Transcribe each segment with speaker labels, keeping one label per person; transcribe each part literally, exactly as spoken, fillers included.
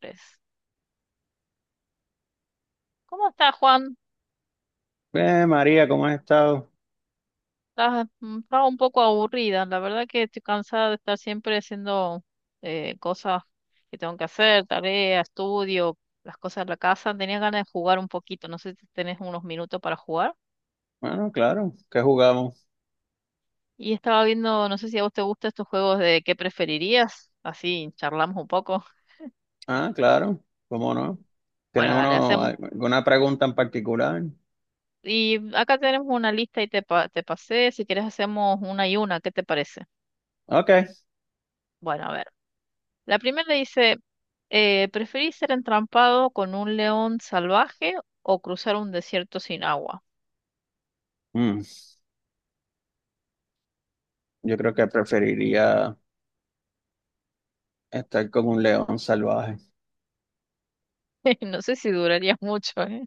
Speaker 1: Tres. ¿Cómo estás, Juan?
Speaker 2: Eh, María, ¿cómo has estado?
Speaker 1: Estás- mm, Estaba un poco aburrida. La verdad que estoy cansada de estar siempre haciendo eh, cosas que tengo que hacer, tareas, estudio, las cosas de la casa. Tenía ganas de jugar un poquito. No sé si tenés unos minutos para jugar.
Speaker 2: Bueno, claro, ¿qué jugamos?
Speaker 1: Y estaba viendo, no sé si a vos te gustan estos juegos de qué preferirías. Así charlamos un poco.
Speaker 2: Ah, claro, ¿cómo no?
Speaker 1: Bueno,
Speaker 2: ¿Tienes
Speaker 1: dale,
Speaker 2: uno,
Speaker 1: hacemos.
Speaker 2: alguna pregunta en particular?
Speaker 1: Y acá tenemos una lista y te, pa- te pasé. Si querés, hacemos una y una. ¿Qué te parece?
Speaker 2: Ok.
Speaker 1: Bueno, a ver. La primera dice, eh, ¿preferís ser entrampado con un león salvaje o cruzar un desierto sin agua?
Speaker 2: Mm, yo creo que preferiría estar con un león salvaje.
Speaker 1: No sé si duraría mucho, ¿eh?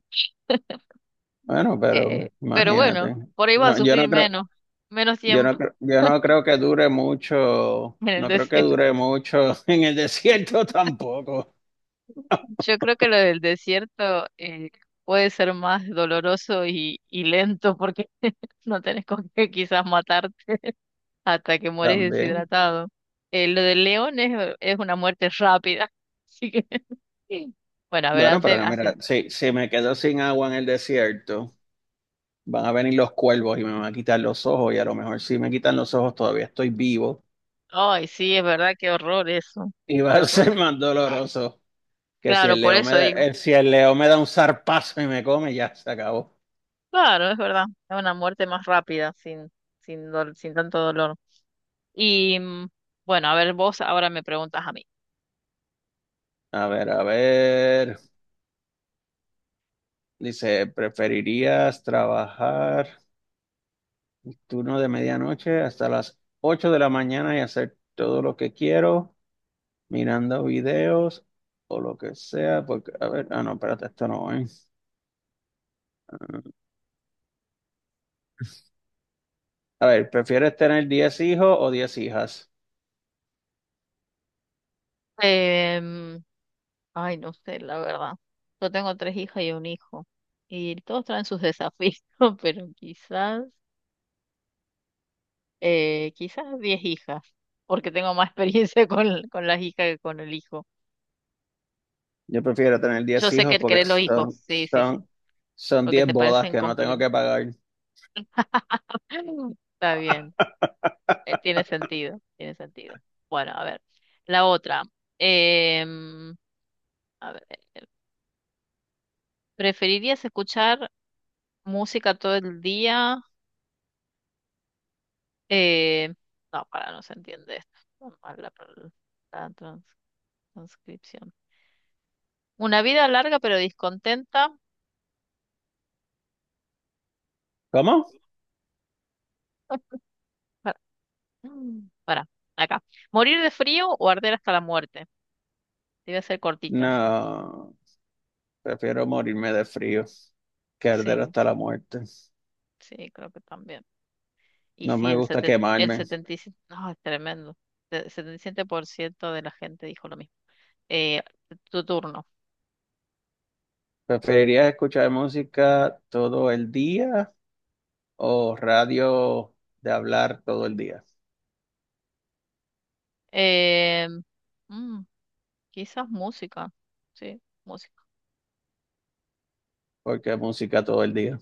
Speaker 2: Bueno,
Speaker 1: Eh,
Speaker 2: pero
Speaker 1: pero bueno,
Speaker 2: imagínate.
Speaker 1: por ahí va a
Speaker 2: No, yo
Speaker 1: sufrir
Speaker 2: no creo,
Speaker 1: menos, menos
Speaker 2: yo no
Speaker 1: tiempo
Speaker 2: creo, yo no creo que dure mucho,
Speaker 1: en el
Speaker 2: no creo que
Speaker 1: desierto.
Speaker 2: dure mucho en el desierto tampoco.
Speaker 1: Yo creo que lo del desierto eh, puede ser más doloroso y, y lento porque no tenés con qué quizás matarte hasta que mueres
Speaker 2: También.
Speaker 1: deshidratado. Eh, lo del león es, es una muerte rápida, así que... Sí. Bueno, a ver,
Speaker 2: Bueno,
Speaker 1: hace,
Speaker 2: pero mira, si, si me quedo sin agua en el desierto. Van a venir los cuervos y me van a quitar los ojos y a lo mejor si me quitan los ojos todavía estoy vivo
Speaker 1: ay, sí, es verdad, qué horror eso.
Speaker 2: y va
Speaker 1: Qué
Speaker 2: a
Speaker 1: horror.
Speaker 2: ser más doloroso que si
Speaker 1: Claro,
Speaker 2: el
Speaker 1: por
Speaker 2: león me
Speaker 1: eso
Speaker 2: da,
Speaker 1: digo.
Speaker 2: eh, si el león me da un zarpazo y me come, ya se acabó.
Speaker 1: Claro, es verdad. Es una muerte más rápida, sin, sin, dol- sin tanto dolor. Y mm, bueno, a ver, vos ahora me preguntas a mí.
Speaker 2: A ver, a ver. Dice, ¿preferirías trabajar turno de medianoche hasta las ocho de la mañana y hacer todo lo que quiero, mirando videos o lo que sea? Porque, a ver, ah, no, espérate, esto no, ¿eh? A ver, ¿prefieres tener diez hijos o diez hijas?
Speaker 1: Em, Ay, no sé, la verdad. Yo tengo tres hijas y un hijo. Y todos traen sus desafíos, pero quizás, eh, quizás diez hijas, porque tengo más experiencia con, con las hijas que con el hijo.
Speaker 2: Yo prefiero tener
Speaker 1: Yo
Speaker 2: diez
Speaker 1: sé que
Speaker 2: hijos porque
Speaker 1: querés los hijos,
Speaker 2: son,
Speaker 1: sí, sí, sí,
Speaker 2: son, son
Speaker 1: porque
Speaker 2: diez
Speaker 1: te
Speaker 2: bodas
Speaker 1: parecen
Speaker 2: que no tengo
Speaker 1: complejos.
Speaker 2: que pagar.
Speaker 1: Está bien, eh, tiene sentido, tiene sentido. Bueno, a ver, la otra. Em, a ver, ¿preferirías escuchar música todo el día? Eh, no, para, no se entiende esto. Está mal La, pal- la trans- transcripción. Una vida larga pero descontenta.
Speaker 2: ¿Cómo?
Speaker 1: Para, para, acá. ¿Morir de frío o arder hasta la muerte? Debe ser cortitas también.
Speaker 2: No, prefiero morirme de frío que arder
Speaker 1: Sí,
Speaker 2: hasta la muerte.
Speaker 1: sí, creo que también. Y
Speaker 2: No
Speaker 1: sí,
Speaker 2: me
Speaker 1: el,
Speaker 2: gusta
Speaker 1: seten- el
Speaker 2: quemarme.
Speaker 1: setenta y siete por ciento, no, es tremendo. El setenta y siete por ciento de la gente dijo lo mismo. Eh, Tu turno.
Speaker 2: ¿Preferirías escuchar música todo el día o radio de hablar todo el día?
Speaker 1: Eh, mm, Quizás música. Sí, música.
Speaker 2: Porque música todo el día.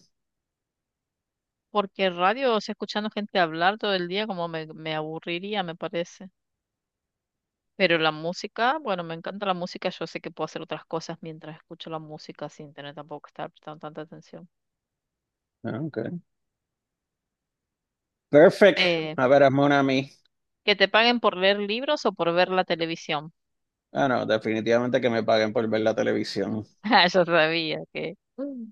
Speaker 1: Porque radio, o sea, escuchando gente hablar todo el día, como me, me aburriría, me parece. Pero la música, bueno, me encanta la música. Yo sé que puedo hacer otras cosas mientras escucho la música sin tener tampoco que estar prestando tanta atención.
Speaker 2: Ah, okay. Perfect.
Speaker 1: Eh,
Speaker 2: A ver, hazme una a mí.
Speaker 1: ¿Que te paguen por leer libros o por ver la televisión?
Speaker 2: Ah, no, definitivamente que me paguen por ver la televisión.
Speaker 1: Ah, yo sabía que.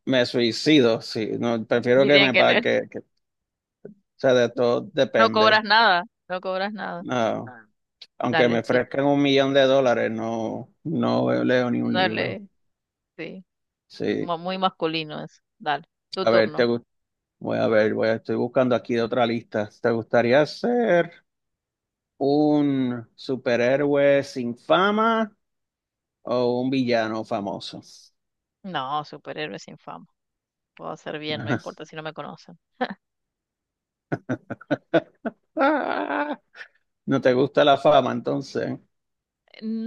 Speaker 2: Me suicido, sí. No, prefiero que
Speaker 1: Dirían
Speaker 2: me
Speaker 1: que no,
Speaker 2: paguen. O sea, de todo
Speaker 1: no cobras
Speaker 2: depende.
Speaker 1: nada, no cobras nada.
Speaker 2: Ah,
Speaker 1: Ah,
Speaker 2: aunque
Speaker 1: dale,
Speaker 2: me
Speaker 1: tú,
Speaker 2: ofrezcan un millón de dólares, no, no leo ni un libro.
Speaker 1: dale, sí,
Speaker 2: Sí.
Speaker 1: mu- muy masculino eso. Dale, tu
Speaker 2: A ver, te
Speaker 1: turno.
Speaker 2: gu- voy a ver, voy a- estoy buscando aquí de otra lista. ¿Te gustaría ser un superhéroe sin fama o un villano famoso?
Speaker 1: No, superhéroe sin fama. Puedo hacer bien, no importa si no me conocen.
Speaker 2: Ah, ¿no te gusta la fama entonces?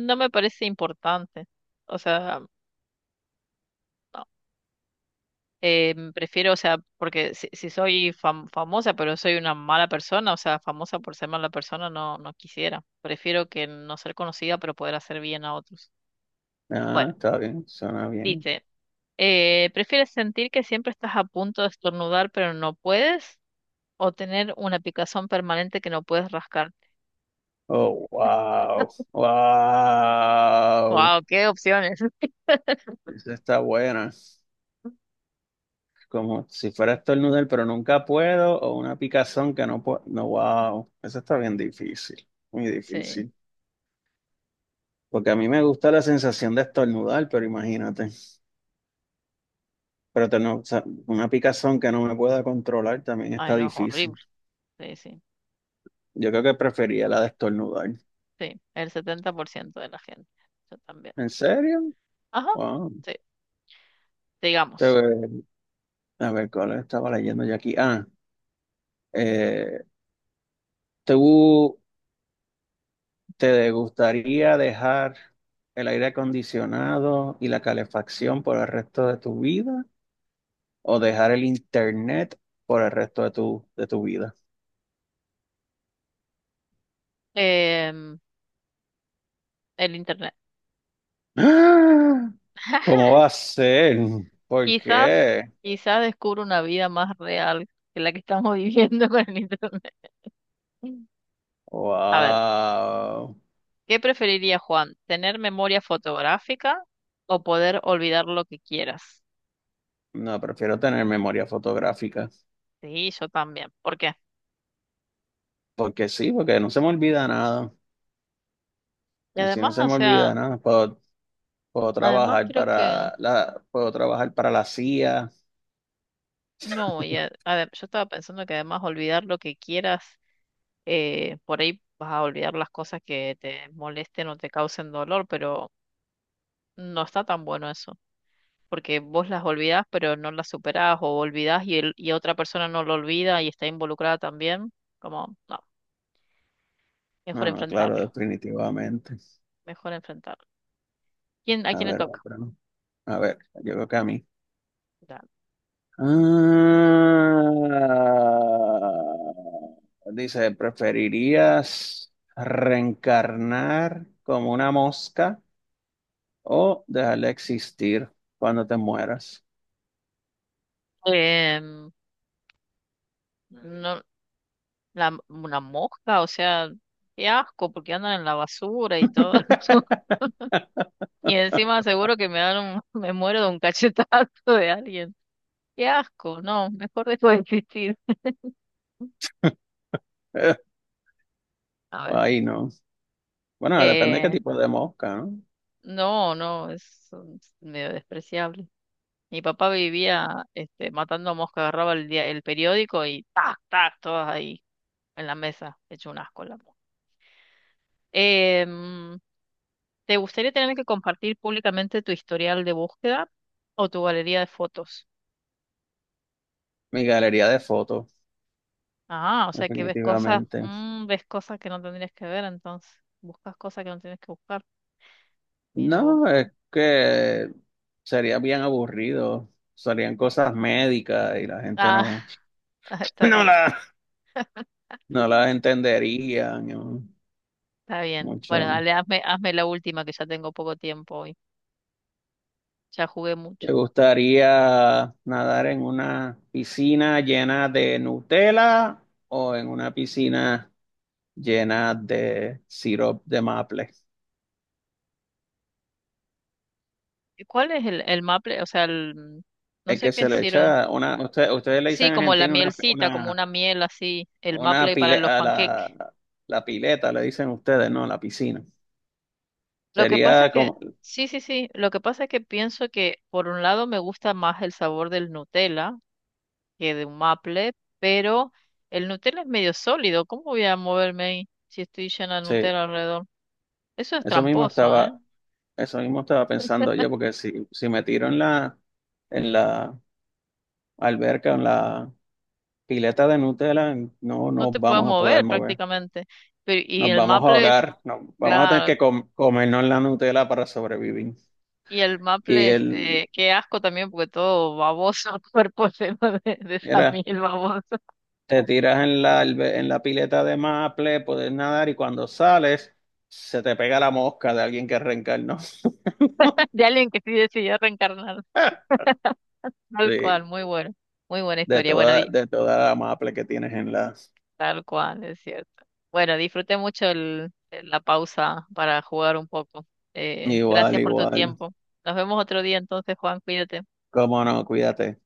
Speaker 1: No me parece importante. O sea, no. Eh, prefiero, o sea, porque si, si soy fam- famosa, pero soy una mala persona, o sea, famosa por ser mala persona, no, no quisiera. Prefiero que no ser conocida, pero poder hacer bien a otros.
Speaker 2: Ah,
Speaker 1: Bueno,
Speaker 2: está bien, suena bien.
Speaker 1: dice. Eh, ¿prefieres sentir que siempre estás a punto de estornudar pero no puedes? ¿O tener una picazón permanente que no puedes rascarte?
Speaker 2: Oh, wow, wow.
Speaker 1: ¡Wow! ¡Qué opciones!
Speaker 2: Esa está buena. Como si fuera a estornudar, pero nunca puedo, o una picazón que no puedo. No, wow, eso está bien difícil, muy
Speaker 1: Sí.
Speaker 2: difícil. Porque a mí me gusta la sensación de estornudar, pero imagínate. Pero tener, o sea, una picazón que no me pueda controlar también
Speaker 1: Ay,
Speaker 2: está
Speaker 1: no, es
Speaker 2: difícil.
Speaker 1: horrible. Sí, sí.
Speaker 2: Yo creo que prefería la de estornudar.
Speaker 1: Sí, el setenta por ciento de la gente. Yo también.
Speaker 2: ¿En serio?
Speaker 1: Ajá.
Speaker 2: Wow.
Speaker 1: Sí, digamos.
Speaker 2: Te- A ver, ¿cuál estaba leyendo yo aquí? Ah, eh, tú. ¿Te gustaría dejar el aire acondicionado y la calefacción por el resto de tu vida o dejar el internet por el resto de tu, de tu vida?
Speaker 1: Em, el internet.
Speaker 2: ¡Ah! ¿Cómo va a ser? ¿Por
Speaker 1: Quizás,
Speaker 2: qué?
Speaker 1: quizás descubro una vida más real que la que estamos viviendo con el internet. A ver,
Speaker 2: Wow.
Speaker 1: ¿qué preferiría Juan? ¿Tener memoria fotográfica o poder olvidar lo que quieras?
Speaker 2: No, prefiero tener memoria fotográfica.
Speaker 1: Sí, yo también. ¿Por qué?
Speaker 2: Porque sí, porque no se me olvida nada.
Speaker 1: Y
Speaker 2: Así no
Speaker 1: además,
Speaker 2: se
Speaker 1: o
Speaker 2: me
Speaker 1: sea,
Speaker 2: olvida nada. Puedo, puedo
Speaker 1: además
Speaker 2: trabajar
Speaker 1: creo que
Speaker 2: para la, puedo trabajar para la C I A.
Speaker 1: no, y a- ade- yo estaba pensando que además olvidar lo que quieras, eh, por ahí vas a olvidar las cosas que te molesten o te causen dolor, pero no está tan bueno eso, porque vos las olvidás pero no las superás o olvidás y, el- y otra persona no lo olvida y está involucrada también, como, no, mejor
Speaker 2: No, no, claro,
Speaker 1: enfrentarlo,
Speaker 2: definitivamente.
Speaker 1: mejor enfrentarlo. ¿Quién, a
Speaker 2: A
Speaker 1: quién le
Speaker 2: ver,
Speaker 1: toca?
Speaker 2: otra, ¿no? A ver, llegó acá a mí.
Speaker 1: Ya.
Speaker 2: Ah, dice, ¿preferirías reencarnar como una mosca o dejar de existir cuando te mueras?
Speaker 1: Em, no, la, una mosca, o sea, qué asco, porque andan en la basura y todo. Y encima seguro que me dan un, me muero de un cachetazo de alguien. Qué asco, no, mejor dejo de existir. A ver,
Speaker 2: Ahí no. Bueno, depende de qué
Speaker 1: eh,
Speaker 2: tipo de mosca, ¿no?
Speaker 1: no, no, es un- medio despreciable. Mi papá vivía este, matando mosca, agarraba el, dia- el periódico y tac, tac, todas ahí en la mesa, hecho un asco la mosca. Em, ¿Te gustaría tener que compartir públicamente tu historial de búsqueda o tu galería de fotos?
Speaker 2: Mi galería de fotos,
Speaker 1: Ah, o sea que ves cosas,
Speaker 2: definitivamente.
Speaker 1: mm, ves cosas que no tendrías que ver, entonces buscas cosas que no tienes que buscar. Mira vos.
Speaker 2: No, es que sería bien aburrido. Serían cosas médicas y la gente
Speaker 1: Ah,
Speaker 2: no,
Speaker 1: está
Speaker 2: no
Speaker 1: bien.
Speaker 2: la, no las
Speaker 1: Mm.
Speaker 2: entendería, ¿no?
Speaker 1: Está bien. Bueno,
Speaker 2: Mucho.
Speaker 1: dale, hazme, hazme la última que ya tengo poco tiempo hoy. Ya jugué mucho.
Speaker 2: ¿Te gustaría nadar en una piscina llena de Nutella o en una piscina llena de sirope de maple?
Speaker 1: ¿Y ¿Cuál es el, el maple? O sea, el, mm, no
Speaker 2: Es
Speaker 1: sé
Speaker 2: que
Speaker 1: qué
Speaker 2: se le
Speaker 1: sirve.
Speaker 2: echa una, usted- ustedes le dicen
Speaker 1: Sí,
Speaker 2: en
Speaker 1: como la
Speaker 2: Argentina una,
Speaker 1: mielcita, como
Speaker 2: una,
Speaker 1: una miel así, el
Speaker 2: una
Speaker 1: maple para
Speaker 2: pile,
Speaker 1: los
Speaker 2: a
Speaker 1: panqueques.
Speaker 2: la, la pileta, le dicen ustedes, no, la piscina.
Speaker 1: Lo que pasa
Speaker 2: Sería
Speaker 1: es que,
Speaker 2: como,
Speaker 1: sí, sí, sí, lo que pasa es que pienso que por un lado me gusta más el sabor del Nutella que de un maple, pero el Nutella es medio sólido. ¿Cómo voy a moverme ahí si estoy llena de
Speaker 2: sí,
Speaker 1: Nutella alrededor? Eso es
Speaker 2: eso mismo
Speaker 1: tramposo, ¿eh?
Speaker 2: estaba, eso mismo estaba pensando yo, porque si, si me tiro en la, en la alberca, en la pileta de Nutella, no
Speaker 1: No
Speaker 2: nos
Speaker 1: te puedes
Speaker 2: vamos a poder
Speaker 1: mover
Speaker 2: mover.
Speaker 1: prácticamente. Pero, y
Speaker 2: Nos
Speaker 1: el
Speaker 2: vamos a
Speaker 1: maple,
Speaker 2: ahogar, no, vamos a tener
Speaker 1: claro,
Speaker 2: que com- comernos la Nutella para sobrevivir.
Speaker 1: y el
Speaker 2: Y
Speaker 1: maple,
Speaker 2: él,
Speaker 1: este, qué asco también, porque todo baboso, cuerpo lleno de, de
Speaker 2: era,
Speaker 1: samil baboso,
Speaker 2: te tiras en la, albe- en la pileta de maple, puedes nadar y cuando sales, se te pega la mosca de alguien que reencarnó.
Speaker 1: de alguien que sí decidió reencarnar, tal
Speaker 2: Sí,
Speaker 1: cual, muy bueno, muy buena
Speaker 2: de
Speaker 1: historia.
Speaker 2: toda,
Speaker 1: Bueno, di-
Speaker 2: de toda la maple que tienes en la...
Speaker 1: tal cual, es cierto. Bueno, disfruté mucho el, la pausa para jugar un poco. Eh,
Speaker 2: Igual,
Speaker 1: gracias por tu
Speaker 2: igual.
Speaker 1: tiempo. Nos vemos otro día entonces, Juan, cuídate.
Speaker 2: Cómo no, cuídate.